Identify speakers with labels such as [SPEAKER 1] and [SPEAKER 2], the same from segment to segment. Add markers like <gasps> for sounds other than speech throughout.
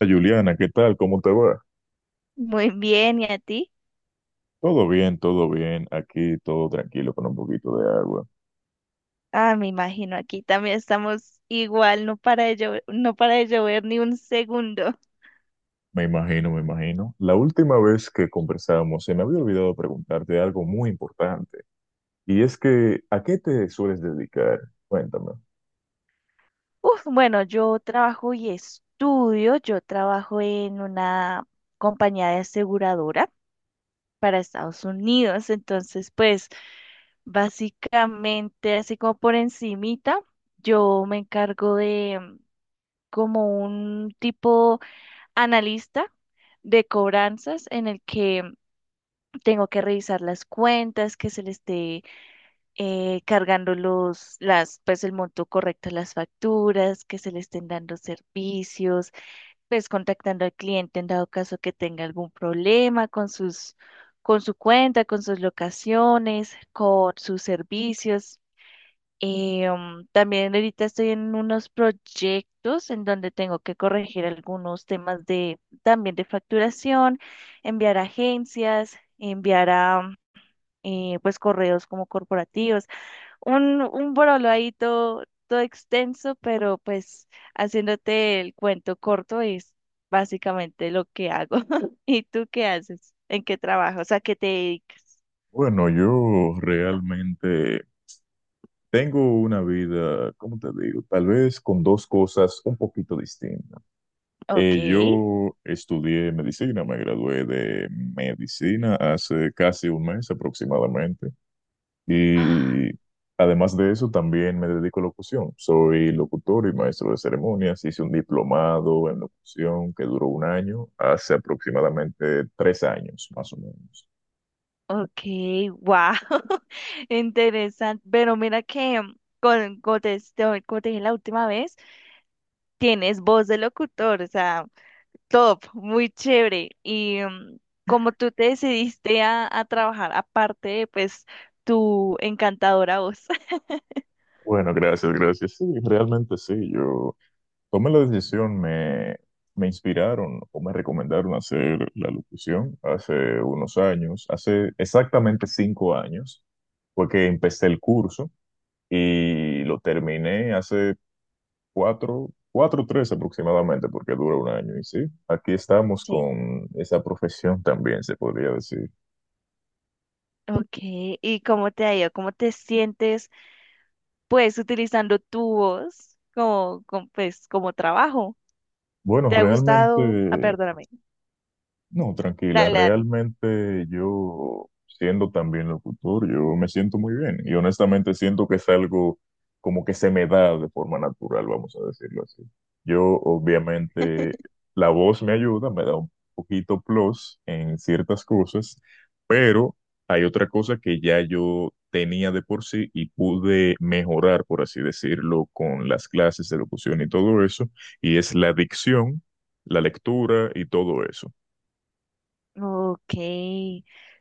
[SPEAKER 1] Juliana, ¿qué tal? ¿Cómo te va?
[SPEAKER 2] Muy bien, ¿y a ti?
[SPEAKER 1] Todo bien, todo bien. Aquí todo tranquilo con un poquito de agua.
[SPEAKER 2] Ah, me imagino, aquí también estamos igual, no para de llover, no para de llover ni un segundo. <laughs>
[SPEAKER 1] Me imagino, me imagino. La última vez que conversamos se me había olvidado preguntarte algo muy importante. Y es que, ¿a qué te sueles dedicar? Cuéntame.
[SPEAKER 2] Uf, bueno, yo trabajo y estudio, yo trabajo en una compañía de aseguradora para Estados Unidos, entonces pues básicamente así como por encimita, yo me encargo de como un tipo analista de cobranzas en el que tengo que revisar las cuentas, que se le esté cargando las pues el monto correcto a las facturas, que se le estén dando servicios, pues contactando al cliente en dado caso que tenga algún problema con su cuenta, con sus locaciones, con sus servicios. También ahorita estoy en unos proyectos en donde tengo que corregir algunos temas de también de facturación, enviar a agencias, enviar a pues correos como corporativos. Un brolo ahí todo extenso, pero pues haciéndote el cuento corto es básicamente lo que hago. <laughs> ¿Y tú qué haces? ¿En qué trabajas? ¿A qué te dedicas?
[SPEAKER 1] Bueno, yo realmente tengo una vida, ¿cómo te digo? Tal vez con dos cosas un poquito distintas.
[SPEAKER 2] Ok.
[SPEAKER 1] Eh,
[SPEAKER 2] <gasps>
[SPEAKER 1] yo estudié medicina, me gradué de medicina hace casi un mes aproximadamente.
[SPEAKER 2] Ah.
[SPEAKER 1] Y además de eso, también me dedico a locución. Soy locutor y maestro de ceremonias. Hice un diplomado en locución que duró un año, hace aproximadamente 3 años, más o menos.
[SPEAKER 2] Ok, wow. <laughs> Interesante. Pero mira que, mm, con, como te- como te dije la última vez, tienes voz de locutor, o sea. Top, muy chévere. Y como tú te decidiste a trabajar aparte de pues tu encantadora voz. <laughs>
[SPEAKER 1] Bueno, gracias, gracias. Sí, realmente sí. Yo tomé la decisión, me inspiraron o me recomendaron hacer la locución hace unos años, hace exactamente 5 años, fue que empecé el curso y lo terminé hace cuatro o tres aproximadamente, porque dura un año. Y sí, aquí estamos
[SPEAKER 2] Sí.
[SPEAKER 1] con esa profesión también, se podría decir.
[SPEAKER 2] Ok, ¿y cómo te ha ido? ¿Cómo te sientes pues utilizando tu voz como, pues como trabajo?
[SPEAKER 1] Bueno,
[SPEAKER 2] ¿Te ha gustado? Ah,
[SPEAKER 1] realmente.
[SPEAKER 2] perdóname.
[SPEAKER 1] No, tranquila,
[SPEAKER 2] Dale, dale.
[SPEAKER 1] realmente yo, siendo también locutor, yo me siento muy bien y honestamente siento que es algo como que se me da de forma natural, vamos a decirlo así. Yo obviamente la voz me ayuda, me da un poquito plus en ciertas cosas, pero hay otra cosa que ya yo tenía de por sí y pude mejorar, por así decirlo, con las clases de locución y todo eso, y es la dicción, la lectura y todo eso.
[SPEAKER 2] Ok,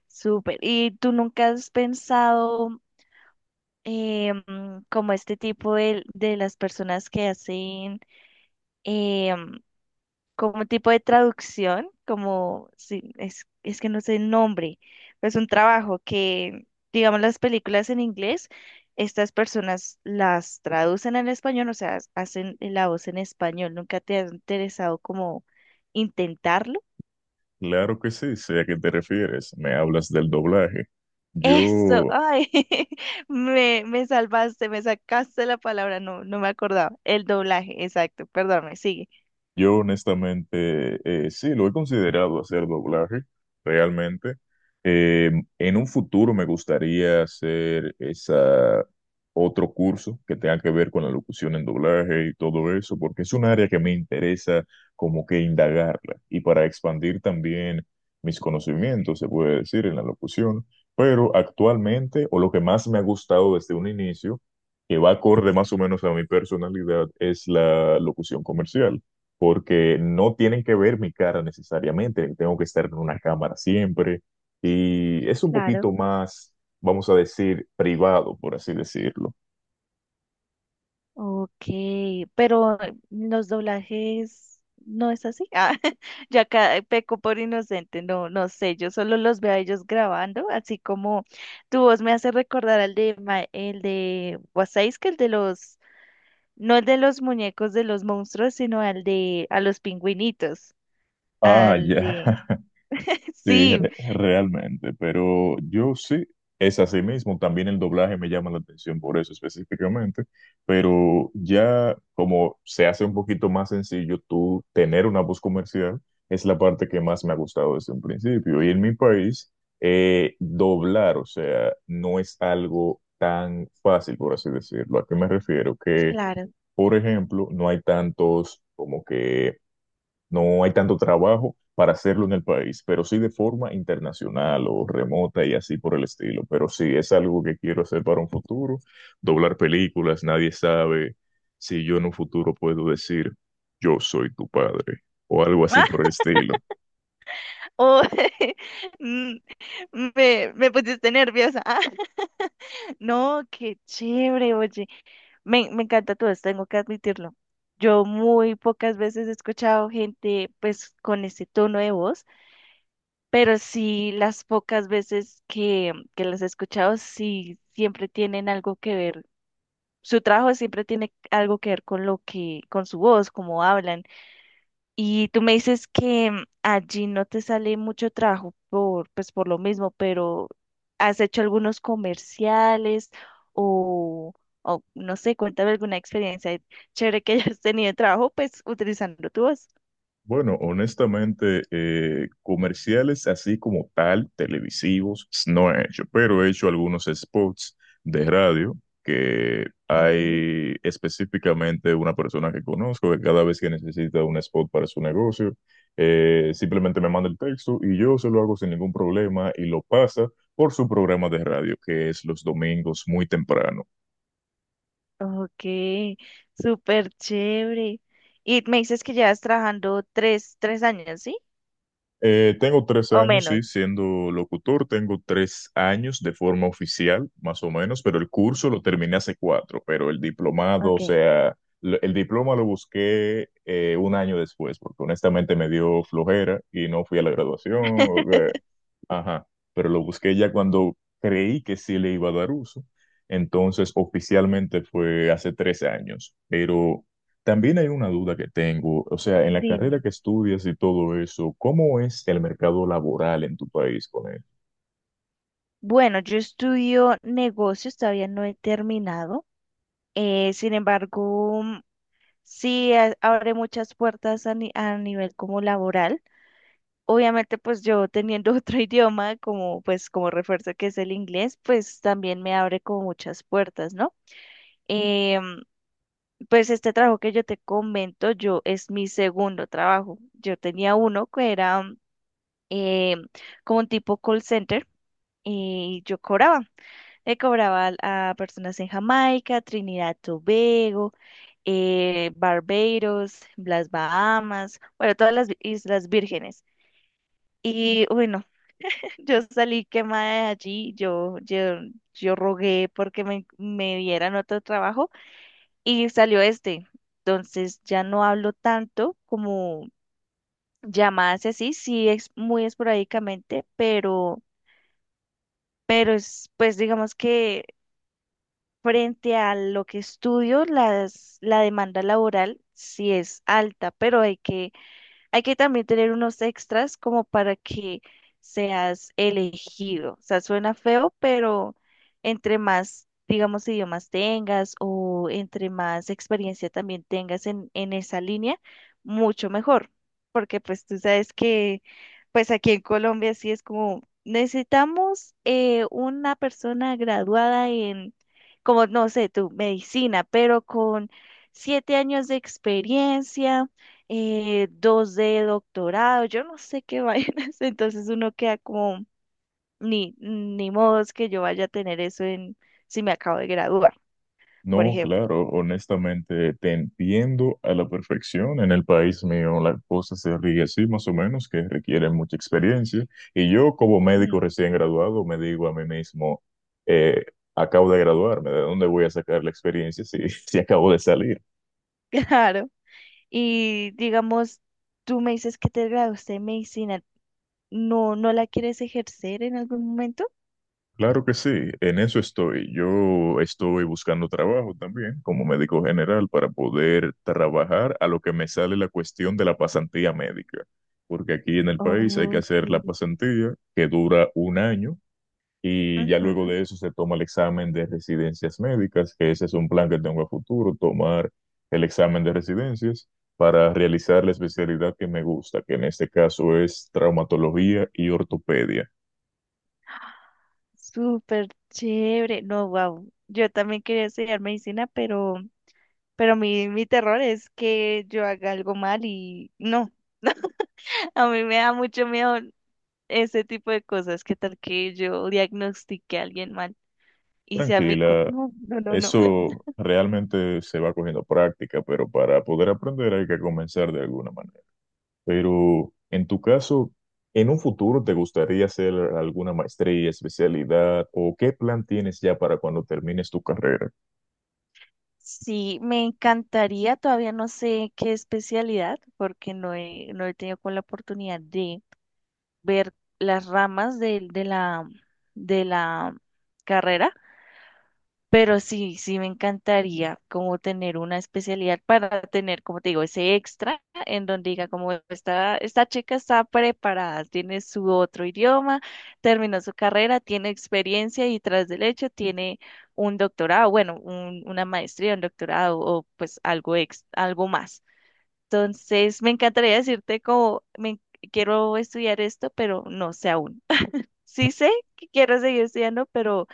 [SPEAKER 2] súper. ¿Y tú nunca has pensado em, como este tipo de las personas que hacen como un tipo de traducción, como, sí, es que no sé el nombre, pero es un trabajo que, digamos, las películas en inglés, estas personas las traducen al español, o sea, hacen la voz en español. ¿Nunca te ha interesado como intentarlo?
[SPEAKER 1] Claro que sí, sé a qué te refieres. Me hablas del doblaje.
[SPEAKER 2] Eso,
[SPEAKER 1] Yo
[SPEAKER 2] ay, <laughs> me salvaste, me sacaste la palabra, no me acordaba. El doblaje, exacto, perdóname me sigue.
[SPEAKER 1] Yo honestamente sí, lo he considerado hacer doblaje, realmente. Eh, en un futuro me gustaría hacer esa otro curso que tenga que ver con la locución en doblaje y todo eso, porque es un área que me interesa como que indagarla y para expandir también mis conocimientos, se puede decir, en la locución. Pero actualmente, o lo que más me ha gustado desde un inicio, que va acorde más o menos a mi personalidad, es la locución comercial porque no tienen que ver mi cara necesariamente, tengo que estar en una cámara siempre y es un
[SPEAKER 2] Claro.
[SPEAKER 1] poquito más, vamos a decir, privado, por así decirlo.
[SPEAKER 2] Ok, pero los doblajes no es así. <laughs> Ah, yo acá peco por inocente, no sé, yo solo los veo a ellos grabando, así como tu voz me hace recordar el de Wasais, que el de los, no el de los muñecos de los monstruos, sino al de a los pingüinitos,
[SPEAKER 1] Ah,
[SPEAKER 2] al
[SPEAKER 1] ya.
[SPEAKER 2] de
[SPEAKER 1] <laughs>
[SPEAKER 2] <laughs>
[SPEAKER 1] Sí,
[SPEAKER 2] sí,
[SPEAKER 1] realmente, pero yo sí, es así mismo, también el doblaje me llama la atención por eso específicamente, pero ya como se hace un poquito más sencillo tú tener una voz comercial, es la parte que más me ha gustado desde un principio. Y en mi país, doblar, o sea, no es algo tan fácil, por así decirlo. ¿A qué me refiero? Que,
[SPEAKER 2] claro.
[SPEAKER 1] por ejemplo, no hay tantos como que no hay tanto trabajo para hacerlo en el país, pero sí de forma internacional o remota y así por el estilo. Pero sí, es algo que quiero hacer para un futuro. Doblar películas, nadie sabe si yo en un futuro puedo decir, yo soy tu padre o algo así
[SPEAKER 2] Ah,
[SPEAKER 1] por el estilo.
[SPEAKER 2] oh, <laughs> mm, me pusiste nerviosa. Ah, <laughs> no, qué chévere, oye. Me encanta todo esto, tengo que admitirlo. Yo muy pocas veces he escuchado gente pues con ese tono de voz, pero sí las pocas veces que las he escuchado, sí siempre tienen algo que ver. Su trabajo siempre tiene algo que ver con lo que, con su voz, cómo hablan. Y tú me dices que allí no te sale mucho trabajo pues por lo mismo, pero ¿has hecho algunos comerciales o, o no sé, cuéntame alguna experiencia chévere que hayas tenido de trabajo, pues utilizando tu voz?
[SPEAKER 1] Bueno, honestamente, comerciales así como tal, televisivos, no he hecho, pero he hecho algunos spots de radio que
[SPEAKER 2] Ok.
[SPEAKER 1] hay específicamente una persona que conozco que cada vez que necesita un spot para su negocio, simplemente me manda el texto y yo se lo hago sin ningún problema y lo pasa por su programa de radio, que es los domingos muy temprano.
[SPEAKER 2] Ok, súper chévere. Y me dices que llevas trabajando tres años, ¿sí?
[SPEAKER 1] Tengo tres
[SPEAKER 2] O
[SPEAKER 1] años, sí,
[SPEAKER 2] menos.
[SPEAKER 1] siendo locutor, tengo 3 años de forma oficial, más o menos, pero el curso lo terminé hace cuatro, pero el diplomado, o
[SPEAKER 2] Ok,
[SPEAKER 1] sea, el diploma lo busqué un año después, porque honestamente me dio flojera y no fui a la graduación.
[SPEAKER 2] <laughs>
[SPEAKER 1] Ajá, pero lo busqué ya cuando creí que sí le iba a dar uso. Entonces, oficialmente fue hace 13 años, pero también hay una duda que tengo, o sea, en la carrera
[SPEAKER 2] dime.
[SPEAKER 1] que estudias y todo eso, ¿cómo es el mercado laboral en tu país con...
[SPEAKER 2] Bueno, yo estudio negocios, todavía no he terminado. Sin embargo, sí abre muchas puertas a, ni- a nivel como laboral. Obviamente, pues yo teniendo <laughs> otro idioma como pues como refuerzo que es el inglés, pues también me abre como muchas puertas, ¿no? Em, pues este trabajo que yo te comento, yo es mi segundo trabajo. Yo tenía uno que era em, como un tipo call center y yo cobraba. Le cobraba a personas en Jamaica, Trinidad y Tobago, Barbados, las Bahamas, bueno, todas las Islas Vírgenes. Y bueno, <laughs> yo salí quemada de allí, yo rogué porque me dieran otro trabajo y salió este. Entonces ya no hablo tanto como llamadas y así, sí es muy esporádicamente, pero es, pues digamos que frente a lo que estudio, la demanda laboral sí es alta, pero hay que también tener unos extras como para que seas elegido. O sea, suena feo, pero entre más, digamos, idiomas tengas o entre más experiencia también tengas en esa línea, mucho mejor. Porque pues tú sabes que pues aquí en Colombia sí es como necesitamos una persona graduada en, como no sé, tu medicina, pero con siete años de experiencia dos de doctorado, yo no sé qué vainas, <laughs> entonces uno queda como, ni modo es que yo vaya a tener eso en, si me acabo de graduar, por
[SPEAKER 1] No,
[SPEAKER 2] ejemplo.
[SPEAKER 1] claro, honestamente te entiendo a la perfección. En el país mío la cosa se ríe así, más o menos, que requiere mucha experiencia. Y yo, como médico
[SPEAKER 2] Mm,
[SPEAKER 1] recién graduado, me digo a mí mismo, eh, acabo de graduarme, ¿de dónde voy a sacar la experiencia si, <laughs> si acabo de salir?
[SPEAKER 2] <laughs> claro. Y digamos, tú me dices que te graduaste en medicina, ¿no, no la quieres ejercer en algún momento?
[SPEAKER 1] Claro que sí, en eso estoy. Yo estoy buscando trabajo también como médico general para poder trabajar a lo que me sale la cuestión de la pasantía médica, porque aquí en el país hay que
[SPEAKER 2] Ok.
[SPEAKER 1] hacer la pasantía que dura un año y ya luego
[SPEAKER 2] Ujú.
[SPEAKER 1] de eso se toma el examen de residencias médicas, que ese es un plan que tengo a futuro, tomar el examen de residencias para realizar la especialidad que me gusta, que en este caso es traumatología y ortopedia.
[SPEAKER 2] Súper chévere. No, wow. Yo también quería estudiar medicina, pero, pero mi terror es que yo haga algo mal y no. A mí me da mucho miedo ese tipo de cosas. ¿Qué tal que yo diagnostique a alguien mal y sea mi culpa?
[SPEAKER 1] Tranquila,
[SPEAKER 2] No, no, no, no. <laughs>
[SPEAKER 1] eso realmente se va cogiendo práctica, pero para poder aprender hay que comenzar de alguna manera. Pero en tu caso, ¿en un futuro te gustaría hacer alguna maestría, especialidad o qué plan tienes ya para cuando termines tu carrera?
[SPEAKER 2] Sí, me encantaría, todavía no sé qué especialidad, porque no he tenido con la oportunidad de ver las ramas de la carrera. Pero sí, sí me encantaría como tener una especialidad para tener, como te digo, ese extra en donde diga como esta chica está preparada, tiene su otro idioma, terminó su carrera, tiene experiencia y tras del hecho tiene un doctorado, bueno, una maestría, un doctorado o pues algo más. Entonces, me encantaría decirte como quiero estudiar esto, pero no sé aún. <laughs> Sí sé que quiero seguir estudiando, pero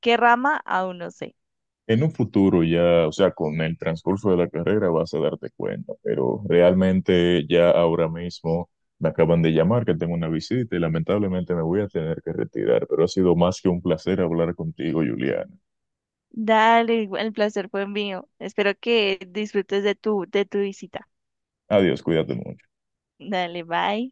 [SPEAKER 2] qué rama aún no sé.
[SPEAKER 1] En un futuro ya, o sea, con el transcurso de la carrera vas a darte cuenta, pero realmente ya ahora mismo me acaban de llamar que tengo una visita y lamentablemente me voy a tener que retirar, pero ha sido más que un placer hablar contigo, Juliana.
[SPEAKER 2] Dale, el placer fue mío. Espero que disfrutes de tu visita.
[SPEAKER 1] Adiós, cuídate mucho.
[SPEAKER 2] Dale, bye.